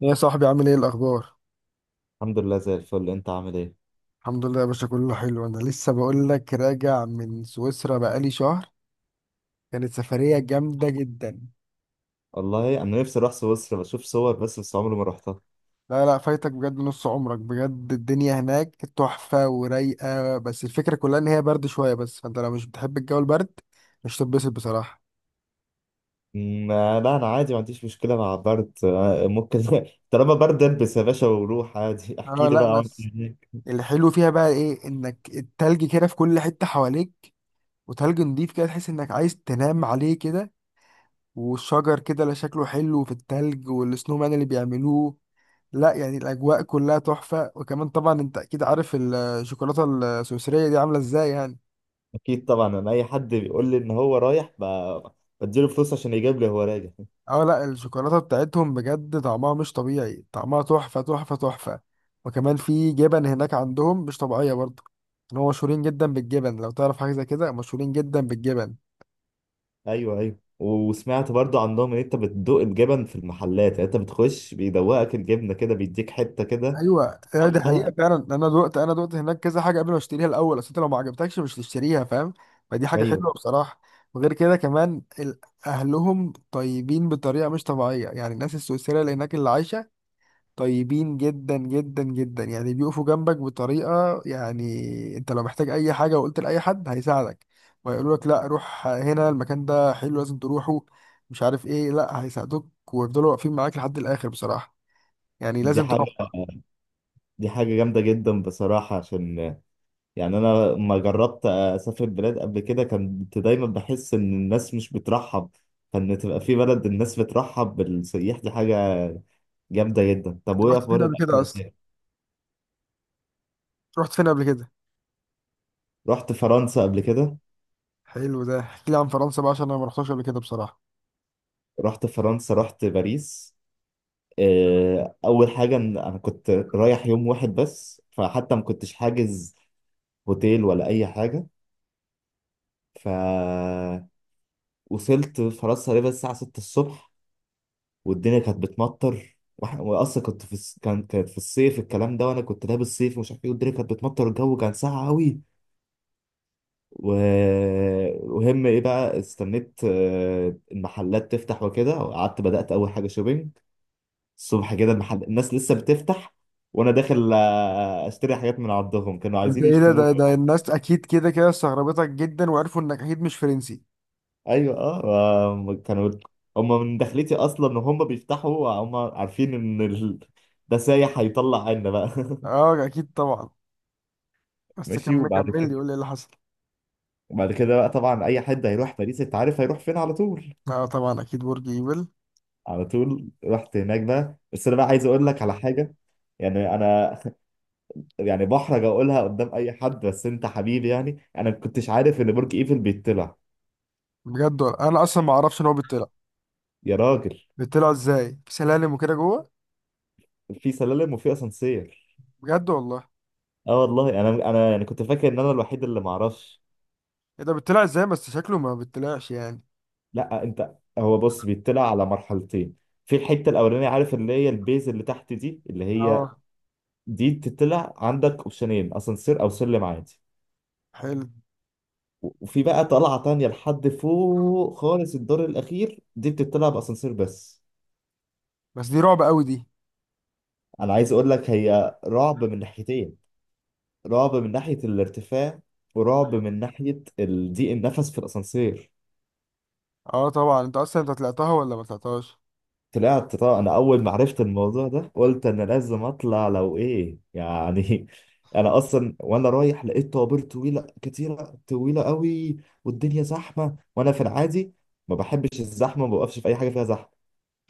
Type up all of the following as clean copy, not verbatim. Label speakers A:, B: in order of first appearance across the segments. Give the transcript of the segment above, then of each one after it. A: يا صاحبي، عامل ايه الاخبار؟
B: الحمد لله زي الفل. انت عامل ايه؟
A: الحمد لله يا باشا، كله حلو. انا لسه بقول لك راجع من سويسرا بقالي شهر. كانت سفرية جامدة جدا.
B: والله انا نفسي اروح سويسرا بشوف صور بس عمري ما رحتها.
A: لا لا، فايتك بجد، نص عمرك بجد. الدنيا هناك تحفة ورايقة، بس الفكرة كلها ان هي برد شوية بس. فانت لو مش بتحب الجو البرد مش تتبسط بصراحة.
B: لا انا عادي ما عنديش مشكله مع برد. ممكن طالما برد البس يا باشا وروح عادي.
A: اه
B: احكي لي
A: لا
B: بقى عملت
A: بس.
B: إيه هناك.
A: الحلو فيها بقى ايه؟ انك التلج كده في كل حتة حواليك، وتلج نضيف كده تحس انك عايز تنام عليه كده. والشجر كده، لا شكله حلو في التلج، والسنومان اللي بيعملوه. لا يعني الاجواء كلها تحفه. وكمان طبعا انت اكيد عارف الشوكولاته السويسريه دي عامله ازاي يعني.
B: اكيد طبعا، انا اي حد بيقول لي ان هو رايح بديله فلوس عشان يجيب لي هو راجع.
A: اه لا، الشوكولاته بتاعتهم بجد طعمها مش طبيعي، طعمها تحفه تحفه تحفه. وكمان في جبن هناك عندهم مش طبيعيه برضه. ان هو مشهورين جدا بالجبن، لو تعرف حاجه زي كده، مشهورين جدا بالجبن.
B: ايوه وسمعت برضو عندهم ان انت بتدوق الجبن في المحلات، يعني انت بتخش بيدوقك الجبنه كده، بيديك حته كده.
A: ايوه أيوة، دي
B: آه،
A: حقيقه فعلا. انا دقت هناك كذا حاجه قبل ما اشتريها الاول. اصل انت لو ما عجبتكش مش تشتريها، فاهم. فدي حاجه
B: ايوه.
A: حلوه بصراحه. وغير كده كمان اهلهم طيبين بطريقه مش طبيعيه. يعني الناس السويسريه اللي هناك اللي عايشه طيبين جدا جدا جدا، يعني بيقفوا جنبك بطريقه يعني. انت لو محتاج اي حاجه وقلت لاي حد هيساعدك، ويقولوا لك لا روح هنا المكان ده حلو لازم تروحه، مش عارف ايه. لا هيساعدوك ويفضلوا واقفين معاك لحد الاخر بصراحه. يعني
B: دي
A: لازم
B: حاجه
A: تروح.
B: دي حاجه جامده جدا بصراحه، عشان يعني انا لما جربت اسافر بلاد قبل كده كنت دايما بحس ان الناس مش بترحب، فان تبقى في بلد الناس بترحب بالسياح دي حاجه جامده جدا. طب
A: انت
B: وايه
A: رحت فين
B: اخبار
A: قبل
B: الاكل
A: كده اصلا؟
B: هناك؟
A: رحت فين قبل كده؟
B: رحت فرنسا قبل كده.
A: حلو، ده احكي لي عن فرنسا بقى، عشان انا ما رحتش قبل كده بصراحه.
B: رحت فرنسا، رحت باريس. آه، اول حاجه إن انا كنت رايح يوم واحد بس، فحتى ما كنتش حاجز هوتيل ولا اي حاجه. ف وصلت فرنسا تقريبا الساعه 6 الصبح، والدنيا كانت بتمطر، واحنا واصلا كنت في كانت في الصيف الكلام ده، وانا كنت لابس صيف ومش عارف ايه، والدنيا كانت بتمطر، الجو كان ساقع قوي. و... وهم ايه بقى، استنيت المحلات تفتح وكده، وقعدت بدأت اول حاجة شوبينج. الصبح كده المحل الناس لسه بتفتح، وانا داخل اشتري حاجات من عندهم، كانوا
A: انت
B: عايزين
A: ايه ده
B: يشتموني.
A: ده الناس اكيد كده كده استغربتك جدا وعرفوا انك اكيد مش فرنسي.
B: ايوه. اه. كانوا هم من دخلتي اصلا ان هم بيفتحوا، هم عارفين ان ده سايح هيطلع عنا بقى.
A: اه اكيد طبعا. بس
B: ماشي.
A: كمل
B: وبعد
A: كمل لي،
B: كده،
A: قول لي ايه اللي حصل.
B: وبعد كده بقى طبعا اي حد هيروح باريس انت عارف هيروح فين على طول.
A: اه طبعا اكيد برج ايفل.
B: على طول رحت هناك بقى، بس انا بقى عايز اقول لك على حاجه، يعني انا يعني بحرج اقولها قدام اي حد بس انت حبيبي، يعني انا ما كنتش عارف ان برج ايفل بيطلع.
A: بجد ولا؟ انا اصلا ما اعرفش ان هو بيطلع.
B: يا راجل!
A: بيطلع ازاي؟ في سلالم وكده جوه؟
B: في سلالم وفي اسانسير.
A: بجد والله؟
B: اه والله، انا يعني كنت فاكر ان انا الوحيد اللي ما اعرفش.
A: ايه ده بيطلع ازاي؟ بس شكله ما بيطلعش يعني.
B: لا انت هو بص، بيطلع على مرحلتين. في الحته الاولانيه عارف اللي هي البيز اللي تحت دي اللي هي،
A: اه.
B: دي تطلع عندك اوبشنين: اسانسير او سلم عادي.
A: حلو.
B: وفي بقى طلعة تانية لحد فوق خالص الدور الأخير، دي بتطلع بأسانسير بس.
A: بس دي رعب قوي دي.
B: أنا عايز أقول لك، هي رعب من ناحيتين: رعب من ناحية الارتفاع، ورعب من ناحية ضيق النفس في الأسانسير.
A: اه طبعا. انت اصلا طلعتها ولا ما طلعتهاش؟
B: طلعت طبعا، أنا أول ما عرفت الموضوع ده قلت أنا لازم أطلع لو إيه يعني. أنا أصلا وأنا رايح لقيت طوابير طويلة كتيرة، طويلة قوي، والدنيا زحمة، وأنا في العادي ما بحبش الزحمة، ما بوقفش في أي حاجة فيها زحمة،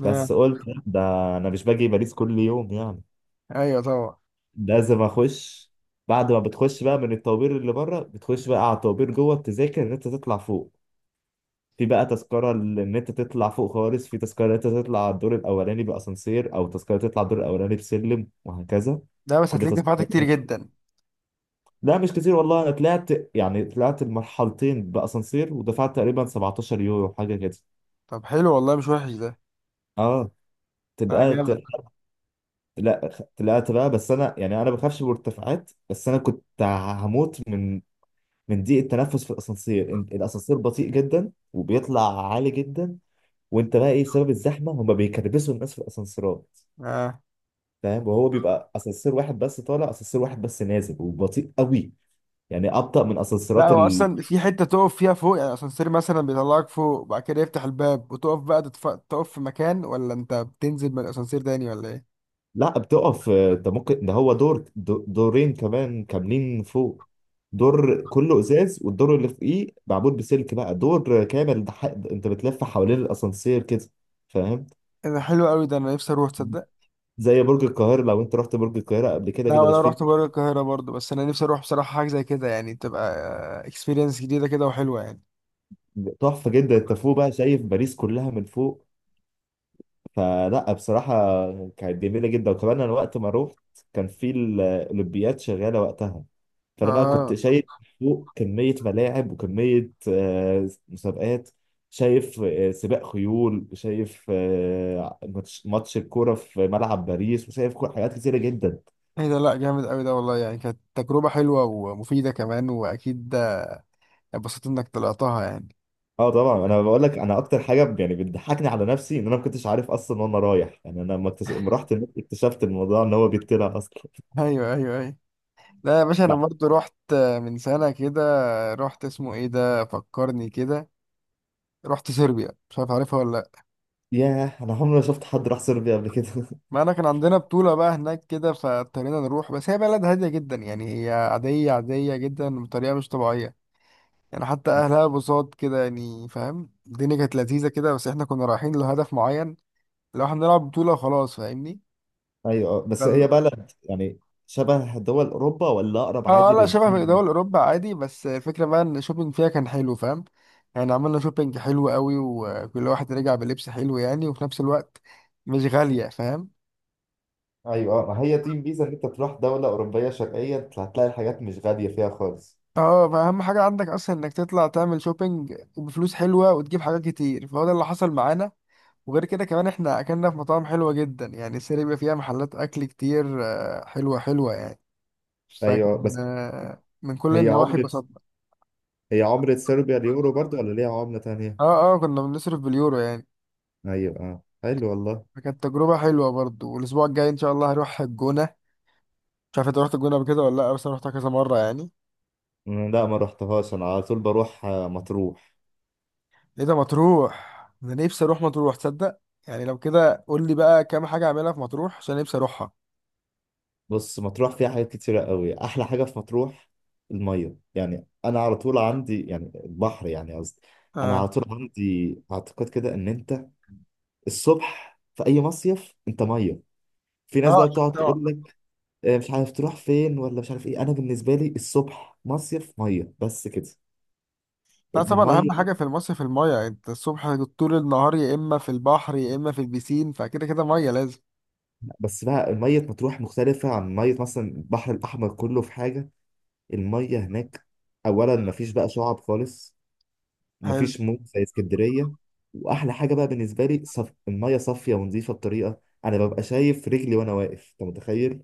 A: اه
B: بس قلت لأ، ده انا مش باجي باريس كل يوم يعني،
A: ايوه طبعا.
B: لازم اخش. بعد ما بتخش بقى من الطوابير اللي بره، بتخش بقى على الطوابير جوه بتذاكر ان انت تطلع فوق. في بقى تذكرة ان انت تطلع فوق خالص، في تذكرة ان انت تطلع على الدور الاولاني باسانسير، او تذكرة تطلع الدور الاولاني بسلم، وهكذا
A: لا بس
B: كل
A: هتلاقيك
B: تذكرة.
A: دفعت كتير جدا.
B: لا مش كتير والله. انا طلعت، يعني طلعت المرحلتين باسانسير ودفعت تقريبا 17 يورو حاجة كده.
A: طب حلو والله، مش وحش ده.
B: اه
A: لا
B: طلعت.
A: جامد.
B: لا طلعت بقى، بس انا يعني انا ما بخافش من الارتفاعات، بس انا كنت هموت من من ضيق التنفس في الاسانسير. الاسانسير بطيء جدا وبيطلع عالي جدا، وانت بقى ايه بسبب الزحمه هما بيكربسوا الناس في الاسانسيرات،
A: آه.
B: فاهم؟ وهو بيبقى اسانسير واحد بس طالع، اسانسير واحد بس نازل، وبطيء قوي، يعني ابطا من
A: لا
B: اسانسيرات.
A: هو اصلا في حته تقف فيها فوق، يعني اسانسير مثلا بيطلعك فوق وبعد كده يفتح الباب وتقف بقى تقف في مكان، ولا انت بتنزل من الاسانسير تاني ولا ايه؟
B: لا بتقف. آه، ده ممكن ده هو دور دورين كمان كاملين فوق: دور كله ازاز، والدور اللي فوقيه معمول بسلك بقى، دور كامل ده انت بتلف حوالين الاسانسير كده، فاهم؟
A: إيه ده حلو قوي ده، انا نفسي اروح تصدق.
B: زي برج القاهرة، لو انت رحت برج القاهرة قبل كده،
A: لا
B: كده مش
A: ولا
B: فيه.
A: رحت بره القاهره برضه، بس انا نفسي اروح بصراحه حاجه زي كده، يعني تبقى اكسبيرينس جديده كده وحلوه يعني.
B: تحفة جدا، انت فوق بقى شايف باريس كلها من فوق. فلا بصراحة كانت جميلة جدا. وكمان أنا وقت ما روحت كان في الأولمبياد شغالة وقتها، فأنا بقى كنت
A: اه
B: شايف فوق كمية ملاعب وكمية مسابقات، شايف سباق خيول، وشايف ماتش الكورة في ملعب باريس، وشايف حاجات كتيرة جدا.
A: ايه ده، لا جامد قوي ده والله. يعني كانت تجربه حلوه ومفيده كمان، واكيد اتبسطت انك طلعتها يعني.
B: اه طبعا. انا بقول لك، انا اكتر حاجه يعني بتضحكني على نفسي ان انا ما كنتش عارف اصلا وانا رايح، يعني انا لما لما رحت هناك اكتشفت الموضوع ان هو بيتطلع اصلا.
A: ايوه ايوه ايوه. لا يا باشا، انا برضه رحت من سنه كده. رحت اسمه ايه ده، فكرني كده. رحت صربيا، مش عارف عارفها ولا لا.
B: ياه، انا عمري ما شفت حد راح صربيا قبل كده.
A: ما انا كان عندنا بطولة بقى هناك كده، فاضطرينا نروح. بس هي بلد هادية جدا، يعني هي عادية عادية جدا بطريقة مش طبيعية. يعني حتى اهلها بساط كده، يعني فاهم. الدنيا كانت لذيذة كده، بس احنا كنا رايحين لهدف معين، لو احنا نلعب بطولة خلاص، فاهمني.
B: ايوه. آه، بس
A: فال...
B: هي بلد يعني شبه دول اوروبا ولا اقرب
A: اه
B: عادي
A: لا شبه
B: للدول؟
A: دول اوروبا عادي. بس الفكرة بقى ان الشوبينج فيها كان حلو فاهم. يعني عملنا شوبينج حلو قوي، وكل واحد رجع بلبس حلو يعني، وفي نفس الوقت مش غالية فاهم.
B: ايوه. آه، ما هي دي الميزه، ان انت تروح دوله اوروبيه شرقيه أنت هتلاقي الحاجات مش غاليه فيها خالص.
A: اه، ما اهم حاجه عندك اصلا انك تطلع تعمل شوبينج بفلوس حلوه وتجيب حاجات كتير، فهو ده اللي حصل معانا. وغير كده كمان، احنا اكلنا في مطاعم حلوه جدا. يعني السرير بيبقى فيها محلات اكل كتير حلوه حلوه يعني.
B: ايوه.
A: فكان
B: بس
A: من كل
B: هي
A: النواحي
B: عمله،
A: اتبسطنا.
B: هي عمله صربيا اليورو برضو ولا ليها عمله تانية؟
A: اه اه، كنا بنصرف باليورو يعني.
B: ايوه اه حلو والله.
A: فكانت تجربه حلوه برضو. والاسبوع الجاي ان شاء الله هروح الجونه. مش عارف انت رحت الجونه قبل كده ولا لا، بس انا رحتها كذا مره يعني.
B: لا ما رحتهاش، انا على طول بروح مطروح.
A: ايه ده مطروح؟ انا نفسي اروح مطروح تصدق. يعني لو كده قول لي بقى كام حاجه اعملها في مطروح، عشان نفسي اروحها.
B: بص، مطروح فيها حاجات كتيره قوي. احلى حاجه في مطروح الميه، يعني انا على طول عندي يعني البحر يعني، قصدي انا على
A: آه،
B: طول عندي اعتقاد كده ان انت الصبح في اي مصيف انت ميه. في ناس
A: اه
B: بقى بتقعد
A: اه.
B: تقول لك مش عارف تروح فين ولا مش عارف ايه، انا بالنسبه لي الصبح مصيف ميه بس كده.
A: لا طبعا
B: الميه.
A: اهم حاجه في المصيف الميه. انت الصبح طول النهار يا اما في البحر يا اما في البسين، فكده كده ميه لازم.
B: بس بقى ميه مطروح مختلفه عن ميه مثلا البحر الاحمر كله في حاجه: الميه هناك اولا مفيش بقى شعب خالص،
A: حلو.
B: ومفيش موج زي اسكندريه. واحلى حاجه بقى بالنسبه لي الميه صافيه ونظيفه بطريقه انا ببقى شايف رجلي وانا واقف، انت متخيل؟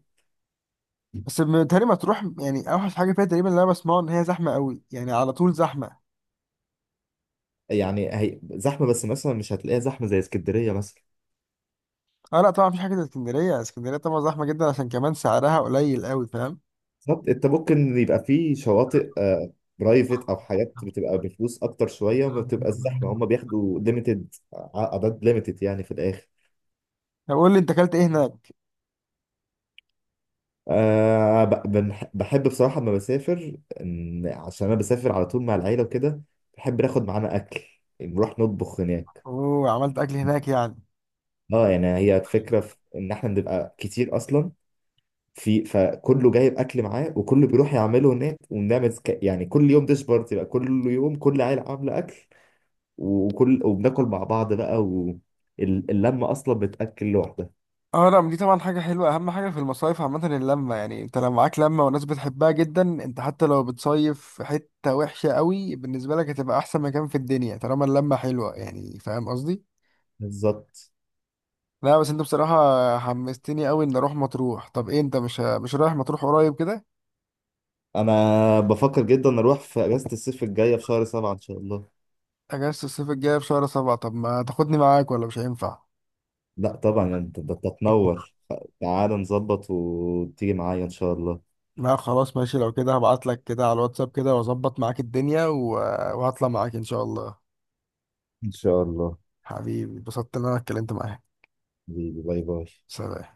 A: بس بيتهيألي ما تروح يعني، اوحش حاجه فيها تقريبا اللي انا بسمعه ان هي زحمه قوي، يعني على طول زحمه.
B: يعني هي زحمه، بس مثلا مش هتلاقيها زحمه زي اسكندريه مثلا.
A: اه لا طبعا مفيش حاجه زي اسكندريه. اسكندريه طبعا زحمه جدا، عشان كمان سعرها قليل قوي فاهم.
B: بالظبط. انت ممكن يبقى في شواطئ برايفت او حاجات بتبقى بفلوس اكتر شويه، وما بتبقى الزحمه، هم بياخدوا ليميتد، اعداد ليميتد يعني في الاخر.
A: طب قول لي انت اكلت ايه هناك.
B: أه، بحب بصراحه لما بسافر، عشان انا بسافر على طول مع العيله وكده، بحب ناخد معانا اكل نروح نطبخ هناك.
A: اوه، عملت اكل هناك يعني؟
B: اه يعني هي الفكره في ان احنا بنبقى كتير اصلا، في فكله جايب اكل معاه وكله بيروح يعمله هناك، ونعمل يعني كل يوم ديش بارتي بقى، كل يوم كل عيله عامله اكل، وبناكل مع بعض بقى، واللمة أصلا بتأكل لوحدها.
A: اه لا دي طبعا حاجة حلوة. أهم حاجة في المصايف عامة اللمة. يعني أنت لو معاك لمة وناس بتحبها جدا، أنت حتى لو بتصيف في حتة وحشة قوي بالنسبة لك، هتبقى أحسن مكان في الدنيا طالما اللمة حلوة، يعني فاهم قصدي؟
B: بالظبط.
A: لا بس أنت بصراحة حمستني قوي إن أروح مطروح. طب إيه، أنت مش رايح مطروح قريب كده؟
B: أنا بفكر جدا أروح في أجازة الصيف الجاية في شهر سبعة إن شاء الله.
A: أجازة الصيف الجاية في شهر 7؟ طب ما تاخدني معاك ولا مش هينفع؟
B: لا طبعا يعني أنت، أنت تنور. تعال نظبط وتيجي معايا إن شاء الله.
A: لا خلاص ماشي، لو كده هبعتلك كده على الواتساب كده وأظبط معاك الدنيا و... وهطلع معاك إن شاء الله.
B: إن شاء الله.
A: حبيبي، اتبسطت إن أنا اتكلمت معاك.
B: حبيبي، باي باي.
A: سلام.